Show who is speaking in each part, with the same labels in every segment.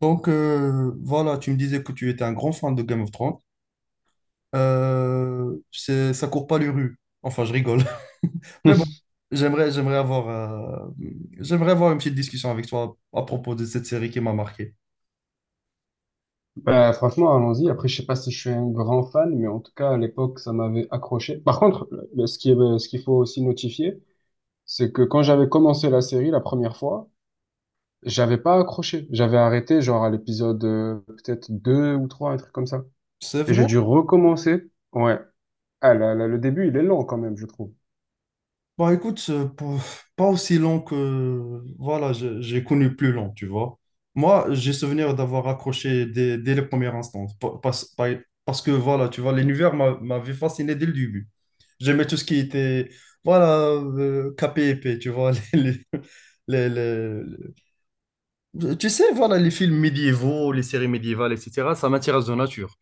Speaker 1: Voilà, tu me disais que tu étais un grand fan de Game of Thrones. Ça court pas les rues. Enfin, je rigole. Mais bon, j'aimerais, j'aimerais avoir, euh, j'aimerais avoir une petite discussion avec toi à propos de cette série qui m'a marqué.
Speaker 2: Bah, franchement, allons-y. Après, je sais pas si je suis un grand fan, mais en tout cas, à l'époque, ça m'avait accroché. Par contre, ce qu'il faut aussi notifier, c'est que quand j'avais commencé la série la première fois, j'avais pas accroché. J'avais arrêté, genre, à l'épisode peut-être 2 ou 3 un truc comme ça.
Speaker 1: C'est
Speaker 2: Et j'ai
Speaker 1: vrai.
Speaker 2: dû recommencer. Ouais. Ah, là, là, le début, il est long quand même, je trouve.
Speaker 1: Bon, écoute, pas aussi long que... Voilà, j'ai connu plus long, tu vois. Moi, j'ai souvenir d'avoir accroché dès les premières instants. Pa- Parce, par- parce que, voilà, tu vois, m'avait fasciné dès le début. J'aimais tout ce qui était, voilà, capé épais, tu vois. Les- les- Tu sais, voilà, les films médiévaux, les séries médiévales, etc., ça m'intéresse de nature.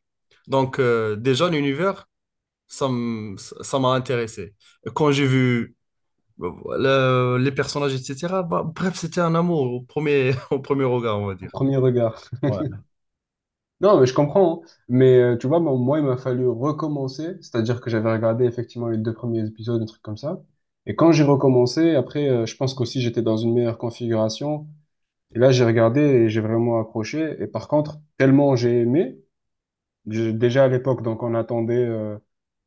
Speaker 1: Déjà, l'univers, ça m- ça m'a intéressé. Quand j'ai vu bah, les personnages, etc. Bah, bref, c'était un amour au premier regard, on va
Speaker 2: Au
Speaker 1: dire.
Speaker 2: premier regard.
Speaker 1: Ouais.
Speaker 2: Non, mais je comprends, hein. Mais tu vois, moi, il m'a fallu recommencer. C'est-à-dire que j'avais regardé effectivement les deux premiers épisodes, un truc comme ça. Et quand j'ai recommencé, après, je pense qu'aussi j'étais dans une meilleure configuration. Et là, j'ai regardé et j'ai vraiment accroché. Et par contre, tellement j'ai aimé. Déjà à l'époque, donc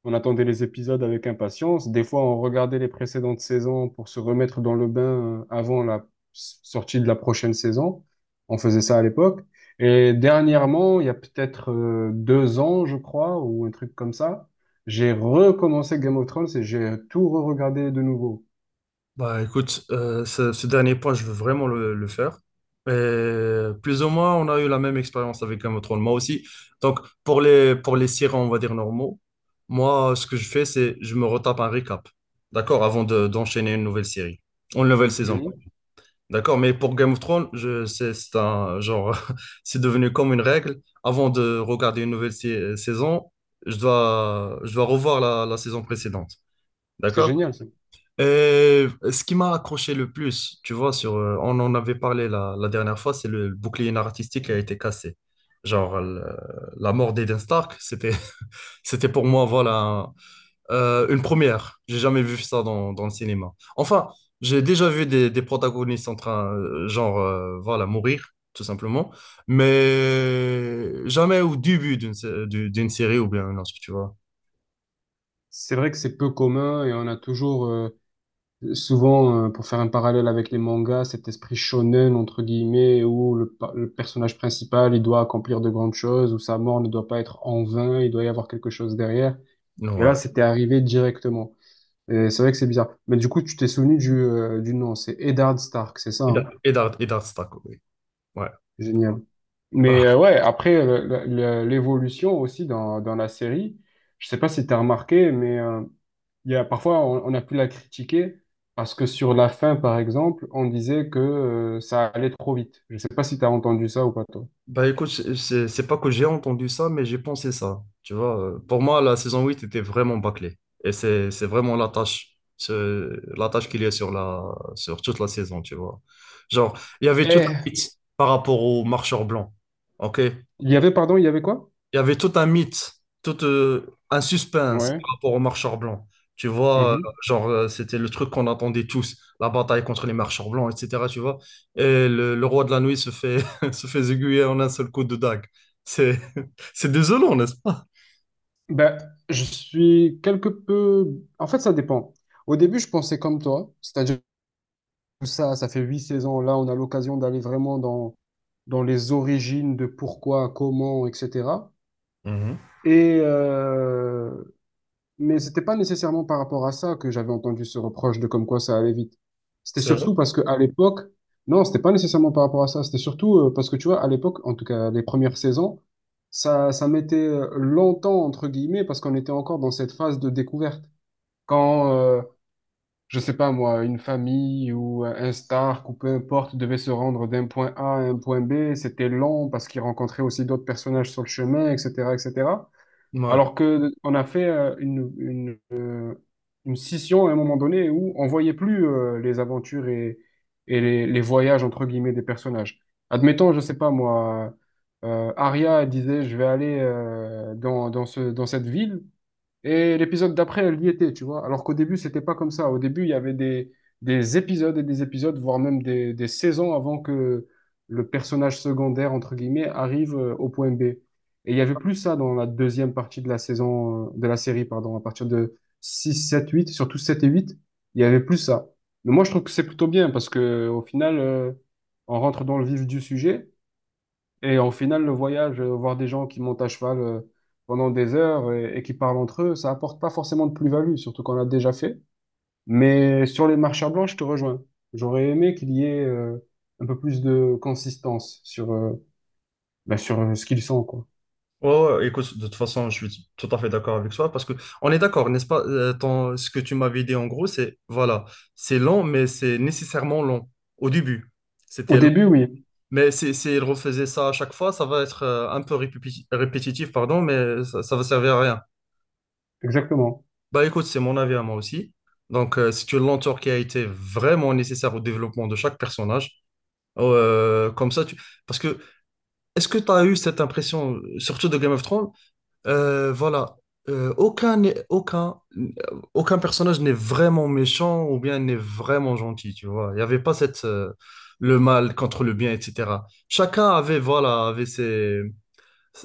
Speaker 2: on attendait les épisodes avec impatience. Des fois, on regardait les précédentes saisons pour se remettre dans le bain, avant la sortie de la prochaine saison. On faisait ça à l'époque. Et dernièrement, il y a peut-être 2 ans, je crois, ou un truc comme ça, j'ai recommencé Game of Thrones et j'ai tout re-regardé de nouveau.
Speaker 1: Bah écoute, ce dernier point, je veux vraiment le faire. Et plus ou moins, on a eu la même expérience avec Game of Thrones, moi aussi. Donc, pour les sirènes, on va dire normaux, moi, ce que je fais, c'est je me retape un récap, d'accord, d'enchaîner une nouvelle série, une nouvelle saison.
Speaker 2: Mhm.
Speaker 1: D'accord, mais pour Game of Thrones, je sais, c'est un genre, c'est devenu comme une règle. Avant de regarder une saison, je dois revoir la saison précédente.
Speaker 2: C'est
Speaker 1: D'accord?
Speaker 2: génial, ça.
Speaker 1: Et ce qui m'a accroché le plus, tu vois, on en avait parlé la dernière fois, c'est bouclier narratistique qui a été cassé. Genre, le- la mort d'Eden Stark, c'était pour moi, voilà, une première. J'ai jamais vu ça dans le cinéma. Enfin, j'ai déjà vu des protagonistes en train, voilà, mourir, tout simplement. Mais jamais au début d'une série ou bien une autre, tu vois.
Speaker 2: C'est vrai que c'est peu commun et souvent, pour faire un parallèle avec les mangas, cet esprit shonen, entre guillemets, où le personnage principal, il doit accomplir de grandes choses, où sa mort ne doit pas être en vain, il doit y avoir quelque chose derrière.
Speaker 1: Non,
Speaker 2: Et là,
Speaker 1: ouais.
Speaker 2: c'était arrivé directement. Et c'est vrai que c'est bizarre. Mais du coup, tu t'es souvenu du nom, c'est Eddard Stark, c'est ça, hein?
Speaker 1: Eddard, Eddard, Eddard Stark, oui. Ouais.
Speaker 2: Génial. Mais
Speaker 1: Bah,
Speaker 2: ouais, après, l'évolution aussi dans la série, je sais pas si tu as remarqué, mais, il y a, parfois, on a pu la critiquer parce que sur la fin, par exemple, on disait que ça allait trop vite. Je ne sais pas si tu as entendu ça ou pas, toi.
Speaker 1: Bah écoute, c'est pas que j'ai entendu ça, mais j'ai pensé ça. Tu vois, pour moi, la saison 8 était vraiment bâclée. Et c'est vraiment la tâche, la tâche qu'il y a sur toute la saison, tu vois. Genre, il y avait toute la
Speaker 2: Eh,
Speaker 1: suite par rapport aux marcheurs blancs. OK?
Speaker 2: il y avait, pardon, il y avait quoi?
Speaker 1: Il y avait tout un mythe, tout un suspense
Speaker 2: Ouais.
Speaker 1: par rapport aux marcheurs blancs. Tu vois, euh,
Speaker 2: Mhm.
Speaker 1: c'était le truc qu'on attendait tous, la bataille contre les marcheurs blancs, etc. Tu vois, et le roi de la nuit se fait, se fait aiguiller en un seul coup de dague. C'est, c'est désolant, n'est-ce pas?
Speaker 2: Ben, je suis quelque peu. En fait, ça dépend. Au début, je pensais comme toi, c'est-à-dire que ça fait huit saisons. Là, on a l'occasion d'aller vraiment dans les origines de pourquoi, comment, etc.
Speaker 1: Mhm.
Speaker 2: Et, euh, Mais c'était pas nécessairement par rapport à ça que j'avais entendu ce reproche de comme quoi ça allait vite. C'était
Speaker 1: C'est vrai.
Speaker 2: surtout parce que à l'époque, non, c'était pas nécessairement par rapport à ça. C'était surtout parce que tu vois, à l'époque, en tout cas les premières saisons, ça mettait longtemps entre guillemets parce qu'on était encore dans cette phase de découverte. Quand, je sais pas moi, une famille ou un Stark ou peu importe devait se rendre d'un point A à un point B, c'était long parce qu'ils rencontraient aussi d'autres personnages sur le chemin, etc., etc.
Speaker 1: Ouais.
Speaker 2: Alors que on a fait une scission à un moment donné où on voyait plus les aventures et les voyages entre guillemets des personnages. Admettons, je sais pas moi, Arya disait je vais aller dans cette ville. Et l'épisode d'après, elle y était, tu vois. Alors qu'au début, c'était pas comme ça. Au début, il y avait des épisodes et des épisodes, voire même des saisons avant que le personnage secondaire, entre guillemets, arrive au point B. Et il y avait plus ça dans la deuxième partie de la saison, de la série, pardon, à partir de 6, 7, 8, surtout 7 et 8, il y avait plus ça. Mais moi, je trouve que c'est plutôt bien parce que au final, on rentre dans le vif du sujet. Et au final, le voyage, voir des gens qui montent à cheval pendant des heures et qui parlent entre eux, ça apporte pas forcément de plus-value, surtout qu'on l'a déjà fait. Mais sur les marches à blanc, je te rejoins. J'aurais aimé qu'il y ait un peu plus de consistance sur, ce qu'ils sont, quoi.
Speaker 1: Ouais, ouais, écoute, de toute façon, je suis tout à fait d'accord avec toi parce que on est d'accord, n'est-ce pas? Ce que tu m'avais dit en gros, c'est voilà, c'est lent, mais c'est nécessairement long au début.
Speaker 2: Au
Speaker 1: C'était.
Speaker 2: début, oui,
Speaker 1: Mais si, s'il refaisait ça à chaque fois, ça va être un peu répétitif, pardon, mais ça va servir à rien.
Speaker 2: exactement.
Speaker 1: Bah écoute, c'est mon avis à moi aussi. Donc, c'est une lenteur qui a été vraiment nécessaire au développement de chaque personnage. Oh, euh, comme ça, tu... Parce que, est-ce que tu as eu cette impression, surtout de Game of Thrones? Euh, voilà, Euh, aucun, n'est- aucun, aucun personnage n'est vraiment méchant ou bien n'est vraiment gentil, tu vois. Il n'y avait pas cette, le mal contre le bien, etc. Chacun avait, voilà, avait ses...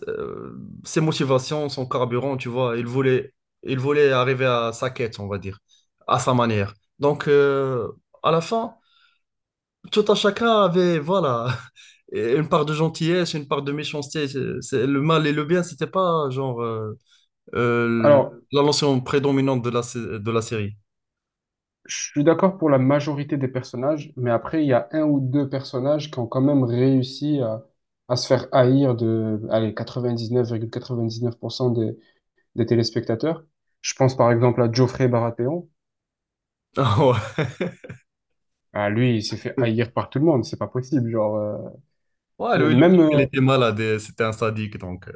Speaker 1: euh, ses motivations, son carburant, tu vois, il voulait arriver à sa quête, on va dire, à sa manière. Donc, à la fin, tout un chacun avait, voilà, une part de gentillesse, une part de méchanceté. Le mal et le bien, c'était pas euh,
Speaker 2: Alors,
Speaker 1: la notion prédominante de la série.
Speaker 2: je suis d'accord pour la majorité des personnages, mais après, il y a un ou deux personnages qui ont quand même réussi à se faire haïr de, allez, 99,99% des téléspectateurs. Je pense par exemple à Geoffrey Baratheon. Ah, lui, il s'est fait haïr par tout le monde, c'est pas possible. Genre,
Speaker 1: Ah ouais, ouais, lui,
Speaker 2: même,
Speaker 1: il était malade, et c'était un sadique, donc.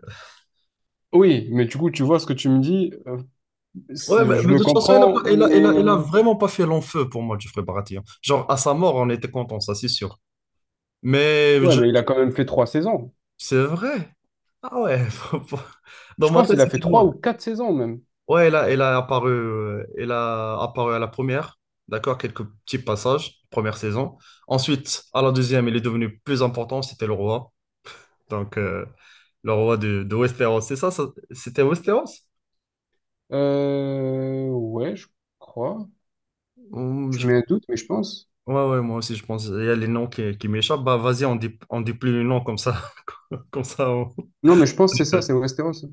Speaker 2: oui, mais du coup, tu vois ce que tu me dis,
Speaker 1: Ouais,
Speaker 2: je
Speaker 1: mais
Speaker 2: le
Speaker 1: de toute façon, elle a,
Speaker 2: comprends,
Speaker 1: pas- il a, elle a- elle a
Speaker 2: mais
Speaker 1: vraiment pas fait long feu pour moi, Geoffrey Barati, hein. Genre, à sa mort, on était contents, ça, c'est sûr. Mais
Speaker 2: ouais,
Speaker 1: je-
Speaker 2: mais il a quand même fait trois saisons.
Speaker 1: c'est vrai. Ah ouais, dans
Speaker 2: Je
Speaker 1: ma
Speaker 2: pense
Speaker 1: tête,
Speaker 2: qu'il a fait
Speaker 1: c'était
Speaker 2: trois
Speaker 1: moi.
Speaker 2: ou quatre saisons même.
Speaker 1: Ouais, il a apparu à la première, d'accord, quelques petits passages, première saison. Ensuite, à la deuxième, il est devenu plus important, c'était le roi. Donc, le roi de Westeros, c'est ça, c'était Westeros?
Speaker 2: Ouais, je crois.
Speaker 1: Hum,
Speaker 2: Tu
Speaker 1: je-
Speaker 2: mets un doute, mais je pense.
Speaker 1: Ouais, ouais, moi aussi, je pense. Il y a les noms qui m'échappent. Bah, vas-y, on dit plus les noms comme ça. comme ça. on-
Speaker 2: Non, mais je pense que c'est ça, c'est Westeros.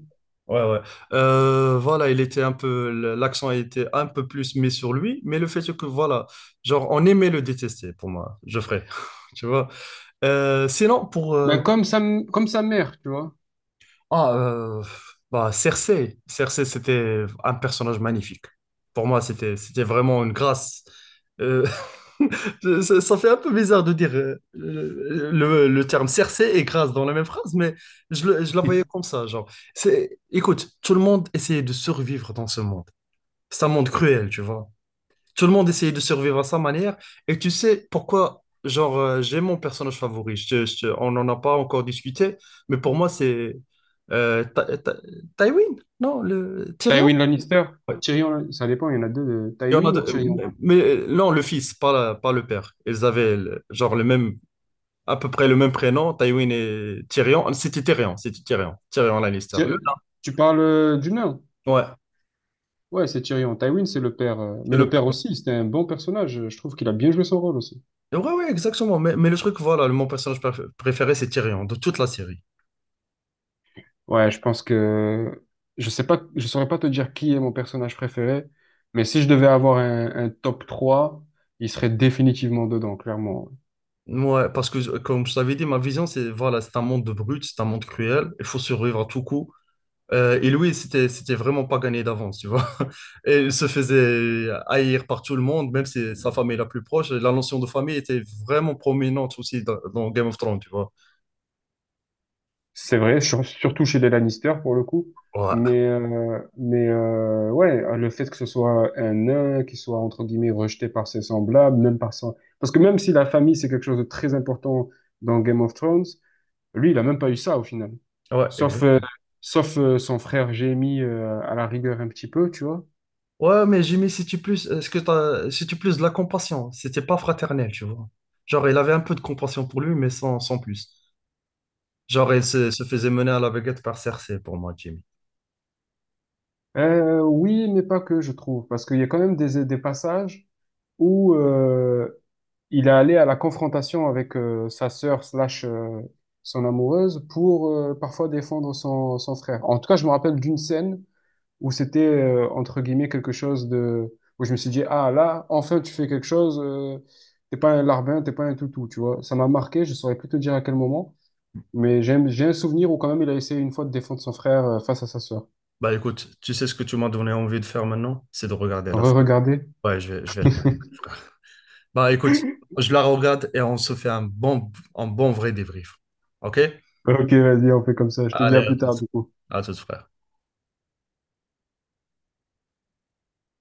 Speaker 1: Ouais, ouais. Voilà, il était un peu, l'accent a été un peu plus mis sur lui, mais le fait est que, voilà, genre, on aimait le détester pour moi, Geoffrey, tu vois. Sinon, pour,
Speaker 2: Ben, comme sa mère, tu vois.
Speaker 1: Ah, bah, Cersei. Cersei, c'était un personnage magnifique. Pour moi, c'était vraiment une grâce. Euh, ça fait un peu bizarre de dire le terme Cersei et grâce dans la même phrase, mais je la voyais comme ça, genre. C'est, écoute, tout le monde essayait de survivre dans ce monde. C'est un monde cruel, tu vois. Tout le monde essayait de survivre à sa manière. Et tu sais pourquoi, j'ai mon personnage favori. On n'en a pas encore discuté, mais pour moi, c'est Ty- Ty- Tywin, non, le Tyrion.
Speaker 2: Tywin Lannister,
Speaker 1: Ouais.
Speaker 2: Tyrion, ça dépend, il y en a deux, de
Speaker 1: Il y en a
Speaker 2: Tywin ou
Speaker 1: deux-
Speaker 2: Tyrion.
Speaker 1: mais, non, le fils, pas le père. Ils avaient le même, à peu près le même prénom, Tywin et Tyrion. Tyrion Lannister.
Speaker 2: Tu, tu parles du nain?
Speaker 1: Ouais,
Speaker 2: Ouais, c'est Tyrion. Tywin, c'est le père. euh,
Speaker 1: c'est
Speaker 2: Mais
Speaker 1: le
Speaker 2: le
Speaker 1: père.
Speaker 2: père aussi, c'était un bon personnage. Je trouve qu'il a bien joué son rôle aussi.
Speaker 1: Ouais, ouais, exactement. Mais le truc, voilà, mon préféré, c'est Tyrion, de toute la série.
Speaker 2: Ouais, je pense que je sais pas, je saurais pas te dire qui est mon personnage préféré, mais si je devais avoir un top 3, il serait définitivement dedans, clairement.
Speaker 1: Ouais, parce que comme je t'avais dit, ma vision, c'est voilà, c'est un monde de brutes, c'est un monde cruel, il faut survivre à tout coup. Et lui, c'était vraiment pas gagné d'avance, tu vois. Et il se faisait haïr par tout le monde, même si sa famille est la plus proche. La notion de famille était vraiment prominente aussi dans Game of Thrones, tu vois.
Speaker 2: C'est vrai, surtout chez les Lannister pour le coup.
Speaker 1: Ouais,
Speaker 2: Mais, ouais, le fait que ce soit un nain, qui soit entre guillemets rejeté par ses semblables, même par son. Parce que même si la famille, c'est quelque chose de très important dans Game of Thrones, lui, il a même pas eu ça au final.
Speaker 1: ouais,
Speaker 2: Sauf,
Speaker 1: exact.
Speaker 2: euh, sauf, son frère Jaime, à la rigueur un petit peu, tu vois.
Speaker 1: Ouais, mais Jimmy, si tu plus, est-ce que t'as, si tu plus de la compassion, c'était pas fraternel, tu vois. Genre, il avait un peu de compassion pour lui, mais sans plus. Genre, se faisait mener à la baguette par Cersei pour moi, Jimmy.
Speaker 2: Oui, mais pas que, je trouve. Parce qu'il y a quand même des passages où, il est allé à la confrontation avec sa sœur slash son amoureuse pour parfois défendre son frère. En tout cas, je me rappelle d'une scène où c'était, entre guillemets, quelque chose de où je me suis dit: ah là, enfin tu fais quelque chose, t'es pas un larbin, t'es pas un toutou, tu vois, ça m'a marqué, je saurais plus te dire à quel moment, mais j'ai un souvenir où quand même il a essayé une fois de défendre son frère, face à sa sœur.
Speaker 1: Bah écoute, tu sais ce que tu m'as donné envie de faire maintenant? C'est de regarder la série.
Speaker 2: Re-regardez.
Speaker 1: Ouais, je vais la regarder, frère. Bah écoute, je la regarde et on se fait un bon vrai débrief. Ok?
Speaker 2: Ok, vas-y, on fait comme ça, je te dis
Speaker 1: Allez,
Speaker 2: à plus tard du coup.
Speaker 1: à tout, frère.